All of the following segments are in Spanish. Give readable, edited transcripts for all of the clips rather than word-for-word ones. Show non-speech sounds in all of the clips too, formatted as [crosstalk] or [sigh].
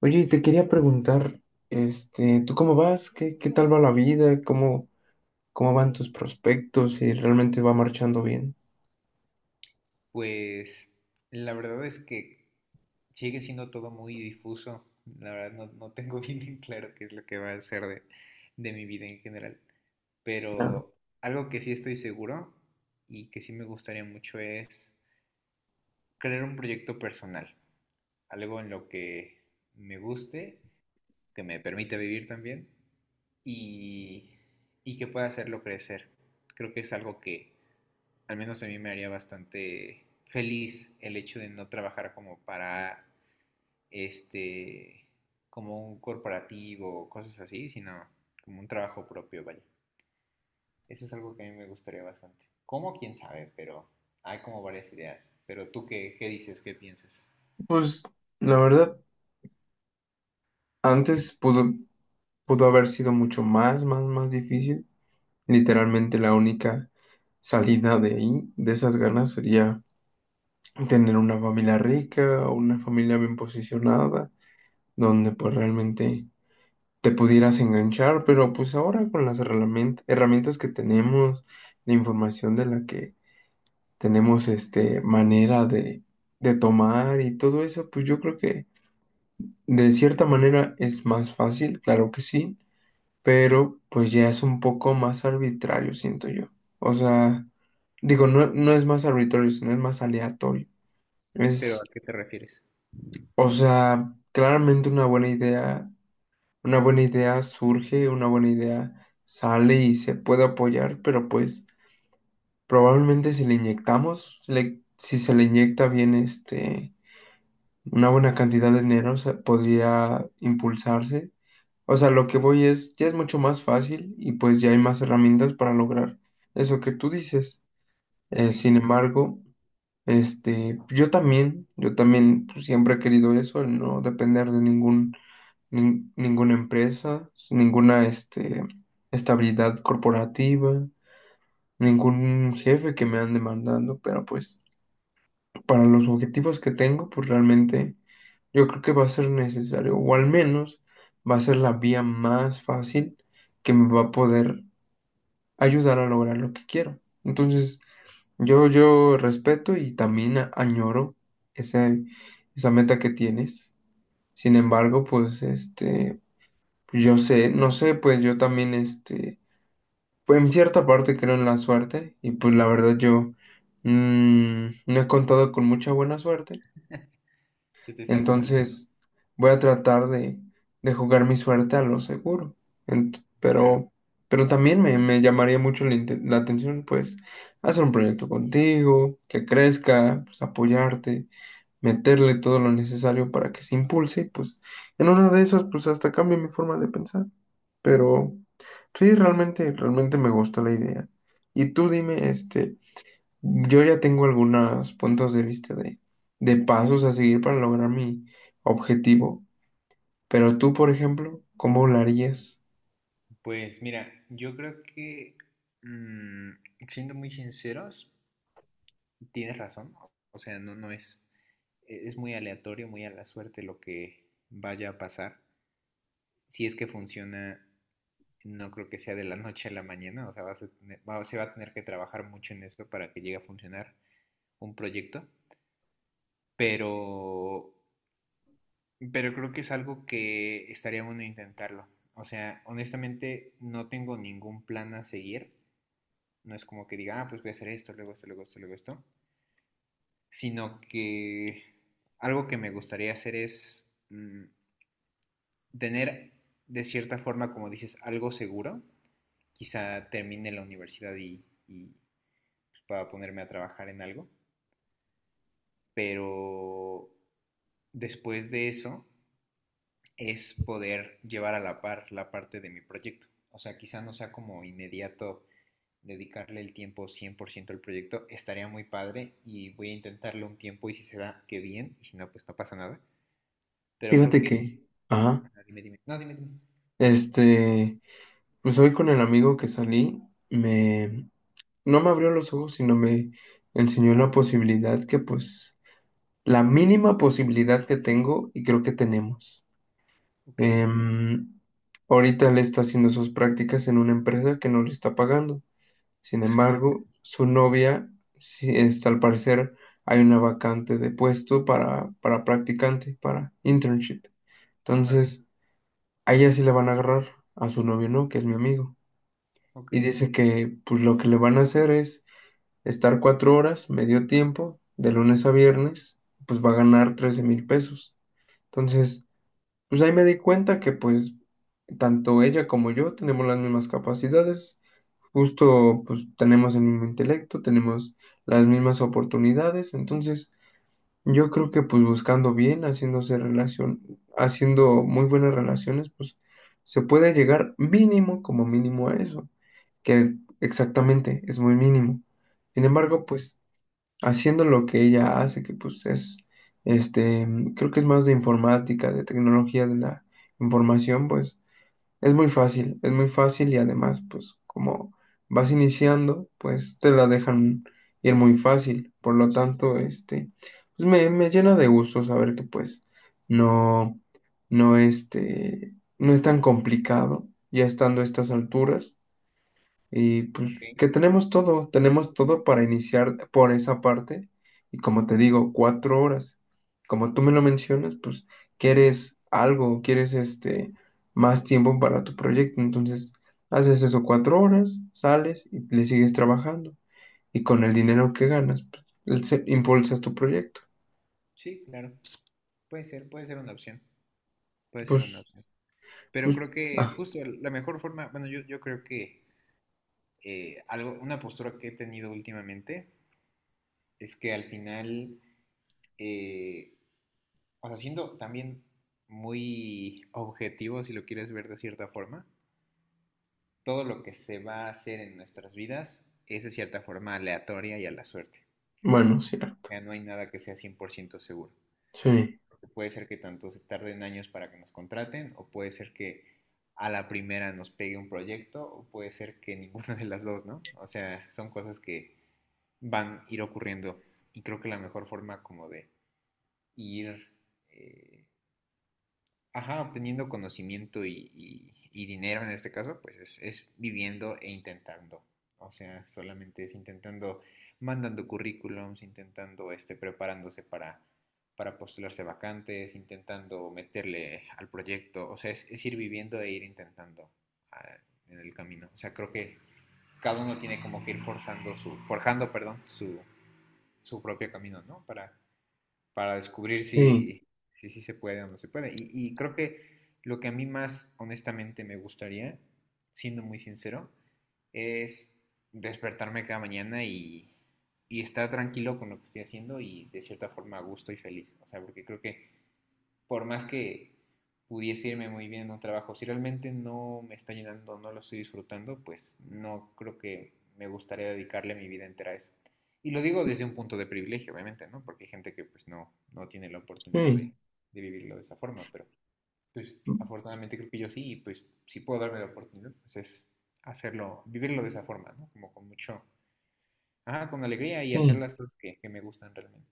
Oye, y te quería preguntar, este, ¿tú cómo vas? ¿Qué tal va la vida? ¿Cómo van tus prospectos? ¿Si realmente va marchando bien? Pues la verdad es que sigue siendo todo muy difuso. La verdad no tengo [laughs] bien en claro qué es lo que va a ser de mi vida en general. Claro. Pero algo que sí estoy seguro y que sí me gustaría mucho es crear un proyecto personal. Algo en lo que me guste, que me permita vivir también y, y que pueda hacerlo crecer. Creo que es algo que, al menos a mí me haría bastante feliz el hecho de no trabajar como para este como un corporativo o cosas así, sino como un trabajo propio, vaya. Eso es algo que a mí me gustaría bastante. ¿Cómo? ¿Quién sabe? Pero hay como varias ideas. Pero tú, qué dices? ¿Qué piensas? Pues la verdad, antes pudo haber sido mucho más difícil. Literalmente la única salida de ahí, de esas ganas, sería tener una familia rica o una familia bien posicionada, donde pues realmente te pudieras enganchar, pero pues ahora con las herramientas que tenemos, la información de la que tenemos este manera de tomar y todo eso, pues yo creo que de cierta manera es más fácil, claro que sí, pero pues ya es un poco más arbitrario, siento yo. O sea, digo, no, no es más arbitrario, sino es más aleatorio. ¿Pero Es a qué te refieres? O sea, claramente una buena idea surge, una buena idea sale y se puede apoyar, pero pues probablemente si se le inyecta bien este, una buena cantidad de dinero, podría impulsarse. O sea, lo que voy es, ya es mucho más fácil y pues ya hay más herramientas para lograr eso que tú dices. Sí, Sin embargo, este, yo también pues, siempre he querido eso, el no depender de ninguna empresa, ninguna este, estabilidad corporativa, ningún jefe que me han demandando, pero pues para los objetivos que tengo, pues realmente yo creo que va a ser necesario, o al menos va a ser la vía más fácil que me va a poder ayudar a lograr lo que quiero. Entonces, yo respeto y también añoro ese, esa meta que tienes. Sin embargo, pues este, Yo sé, no sé, pues yo también, este, pues en cierta parte creo en la suerte y pues la verdad yo no he contado con mucha buena suerte, se te está acumulando, entonces voy a tratar de jugar mi suerte a lo seguro. Ent- claro. pero, pero también me llamaría mucho la atención, pues, hacer un proyecto contigo, que crezca, pues apoyarte, meterle todo lo necesario para que se impulse, y, pues en una de esas, pues hasta cambie mi forma de pensar. Pero sí, realmente me gustó la idea. Y tú dime, este, yo ya tengo algunos puntos de vista de pasos a seguir para lograr mi objetivo. Pero tú, por ejemplo, ¿cómo lo harías? Pues mira, yo creo que, mm, siendo muy sinceros, tienes razón, o sea, no, no es, e, es muy aleatorio, muy a la suerte lo que vaya a pasar. Si es que funciona, no creo que sea de la noche a la mañana, o sea, vas a tener, va, se va a tener que trabajar mucho en esto para que llegue a funcionar un proyecto, pero, pero creo que es algo que estaría bueno intentarlo. O sea, honestamente no tengo ningún plan a seguir, no es como que diga, ah, pues voy a hacer esto, luego esto, luego esto, luego esto. Sino que algo que me gustaría hacer es tener de cierta forma, como dices, algo seguro. Quizá termine la universidad y pueda ponerme a trabajar en algo, pero después de eso es poder llevar a la par la parte de mi proyecto. O sea, quizá no sea como inmediato dedicarle el tiempo 100% al proyecto, estaría muy padre y voy a intentarlo un tiempo y si se da, qué bien, y si no, pues no pasa nada. Pero creo Fíjate que que, ajá, ajá, dime, dime. No, dime, dime. este, pues hoy con el amigo que salí, me, no me abrió los ojos, sino me enseñó la posibilidad que, pues, la mínima posibilidad que tengo y creo que tenemos. Ok. Em, ahorita él está haciendo sus prácticas en una empresa que no le está pagando. Sin embargo, [laughs] su novia, sí, está, al parecer, hay una vacante de puesto para practicante, para internship. Ajá, Entonces, a ella sí la van a agarrar, a su novio no, que es mi amigo. ok. Y dice que pues lo que le van a hacer es estar 4 horas, medio tiempo, de lunes a viernes, pues va a ganar 13,000 pesos. Entonces, pues ahí me di cuenta que pues tanto ella como yo tenemos las mismas capacidades, justo pues tenemos el mismo intelecto, tenemos las mismas oportunidades, entonces yo creo que pues buscando bien, haciéndose relación, haciendo muy buenas relaciones, pues se puede llegar mínimo como mínimo a eso, que exactamente es muy mínimo. Sin Ujú, embargo, pues haciendo lo que ella hace, que pues es, este, creo que es más de informática, de tecnología de la información, pues es muy fácil y además, pues como vas iniciando, pues te la dejan ir muy fácil, por lo sí, tanto, este, pues me llena de gusto saber que pues no, no, este, no es tan complicado ya estando a estas alturas y pues ok. que tenemos todo para iniciar por esa parte. Y como te digo, 4 horas. Como tú me lo mencionas, pues quieres algo, quieres este más tiempo para tu proyecto. Entonces, haces eso 4 horas, sales y le sigues trabajando. Y con el dinero que ganas, pues, impulsas tu proyecto. Sí, claro. Puede ser una opción. Puede ser una Pues, opción. Pero pues, creo que ah, justo la mejor forma, bueno, yo creo que una postura que he tenido últimamente es que al final, eh, o sea, siendo también muy objetivo, si lo quieres ver de cierta forma, todo lo que se va a hacer en nuestras vidas es de cierta forma aleatoria y a la suerte. bueno, sí, O sea, no hay nada que sea 100% seguro. sí, Porque puede ser que tanto se tarden años para que nos contraten, o puede ser que a la primera nos pegue un proyecto, o puede ser que ninguna [laughs] de las dos, ¿no? O sea, son cosas que van a ir ocurriendo. Y creo que la mejor forma como de ir eh, ajá, obteniendo conocimiento y dinero en este caso, es viviendo e intentando. O sea, solamente es intentando, mandando currículums, intentando, este, preparándose para postularse vacantes, intentando meterle al proyecto. O sea, es ir viviendo e ir intentando ah, en el camino. O sea, creo que cada uno tiene como que ir forjando, perdón, su propio camino, ¿no? Para descubrir sí, si, si, sí se puede o no se puede. Y creo que lo que a mí más honestamente me gustaría, siendo muy sincero, es despertarme cada mañana y estar tranquilo con lo que estoy haciendo y de cierta forma a gusto y feliz. O sea, porque creo que por más que pudiese irme muy bien en un trabajo, si realmente no me está llenando, no lo estoy disfrutando, pues no creo que me gustaría dedicarle mi vida entera a eso. Y lo digo desde un punto de privilegio, obviamente, ¿no? Porque hay gente que pues no, no tiene la oportunidad sí, de vivirlo de esa forma, pero pues afortunadamente creo que yo sí, y pues si puedo darme la oportunidad, pues es hacerlo, vivirlo de esa forma, ¿no? Como con mucho, ajá, con alegría y hacer sí. las cosas que me gustan realmente.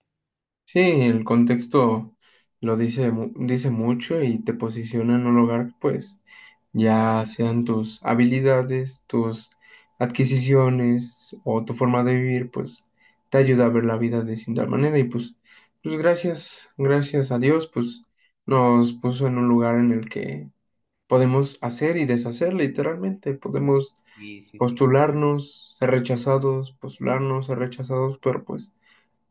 Sí, el contexto lo dice, dice mucho y te posiciona en un lugar, pues, ya Claro, sean tus habilidades, tus adquisiciones o tu forma de vivir, pues, te ayuda a ver la vida de cierta manera y pues, gracias a Dios, pues, nos puso en un lugar en el que podemos hacer y deshacer literalmente, podemos sí, sí, sí. Postularnos, ser rechazados, pero pues...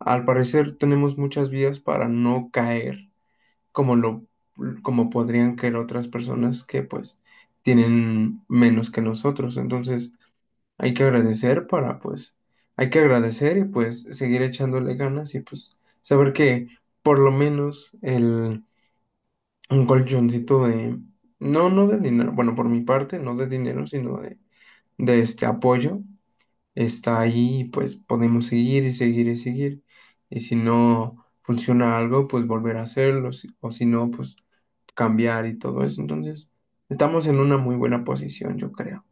Al parecer tenemos muchas vías para no caer como lo como podrían caer otras personas que pues tienen menos que nosotros. Entonces, hay que agradecer para pues hay que agradecer y pues seguir echándole ganas y pues saber que por lo menos el un colchoncito de no de dinero, bueno, por mi parte, no de dinero, sino de este apoyo está ahí, pues podemos seguir y seguir y seguir. Y si no funciona algo, pues volver a hacerlo, o si no, pues cambiar y todo eso. Entonces, estamos en una muy buena posición, yo creo,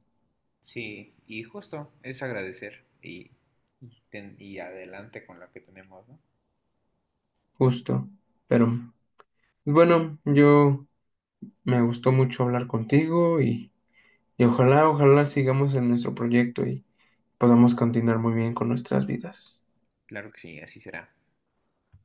Sí, y justo es agradecer y adelante con lo que tenemos, ¿no? justo. Pero bueno, yo me gustó mucho hablar contigo y ojalá sigamos en nuestro proyecto y podamos continuar muy bien con nuestras vidas. Claro que sí, así será.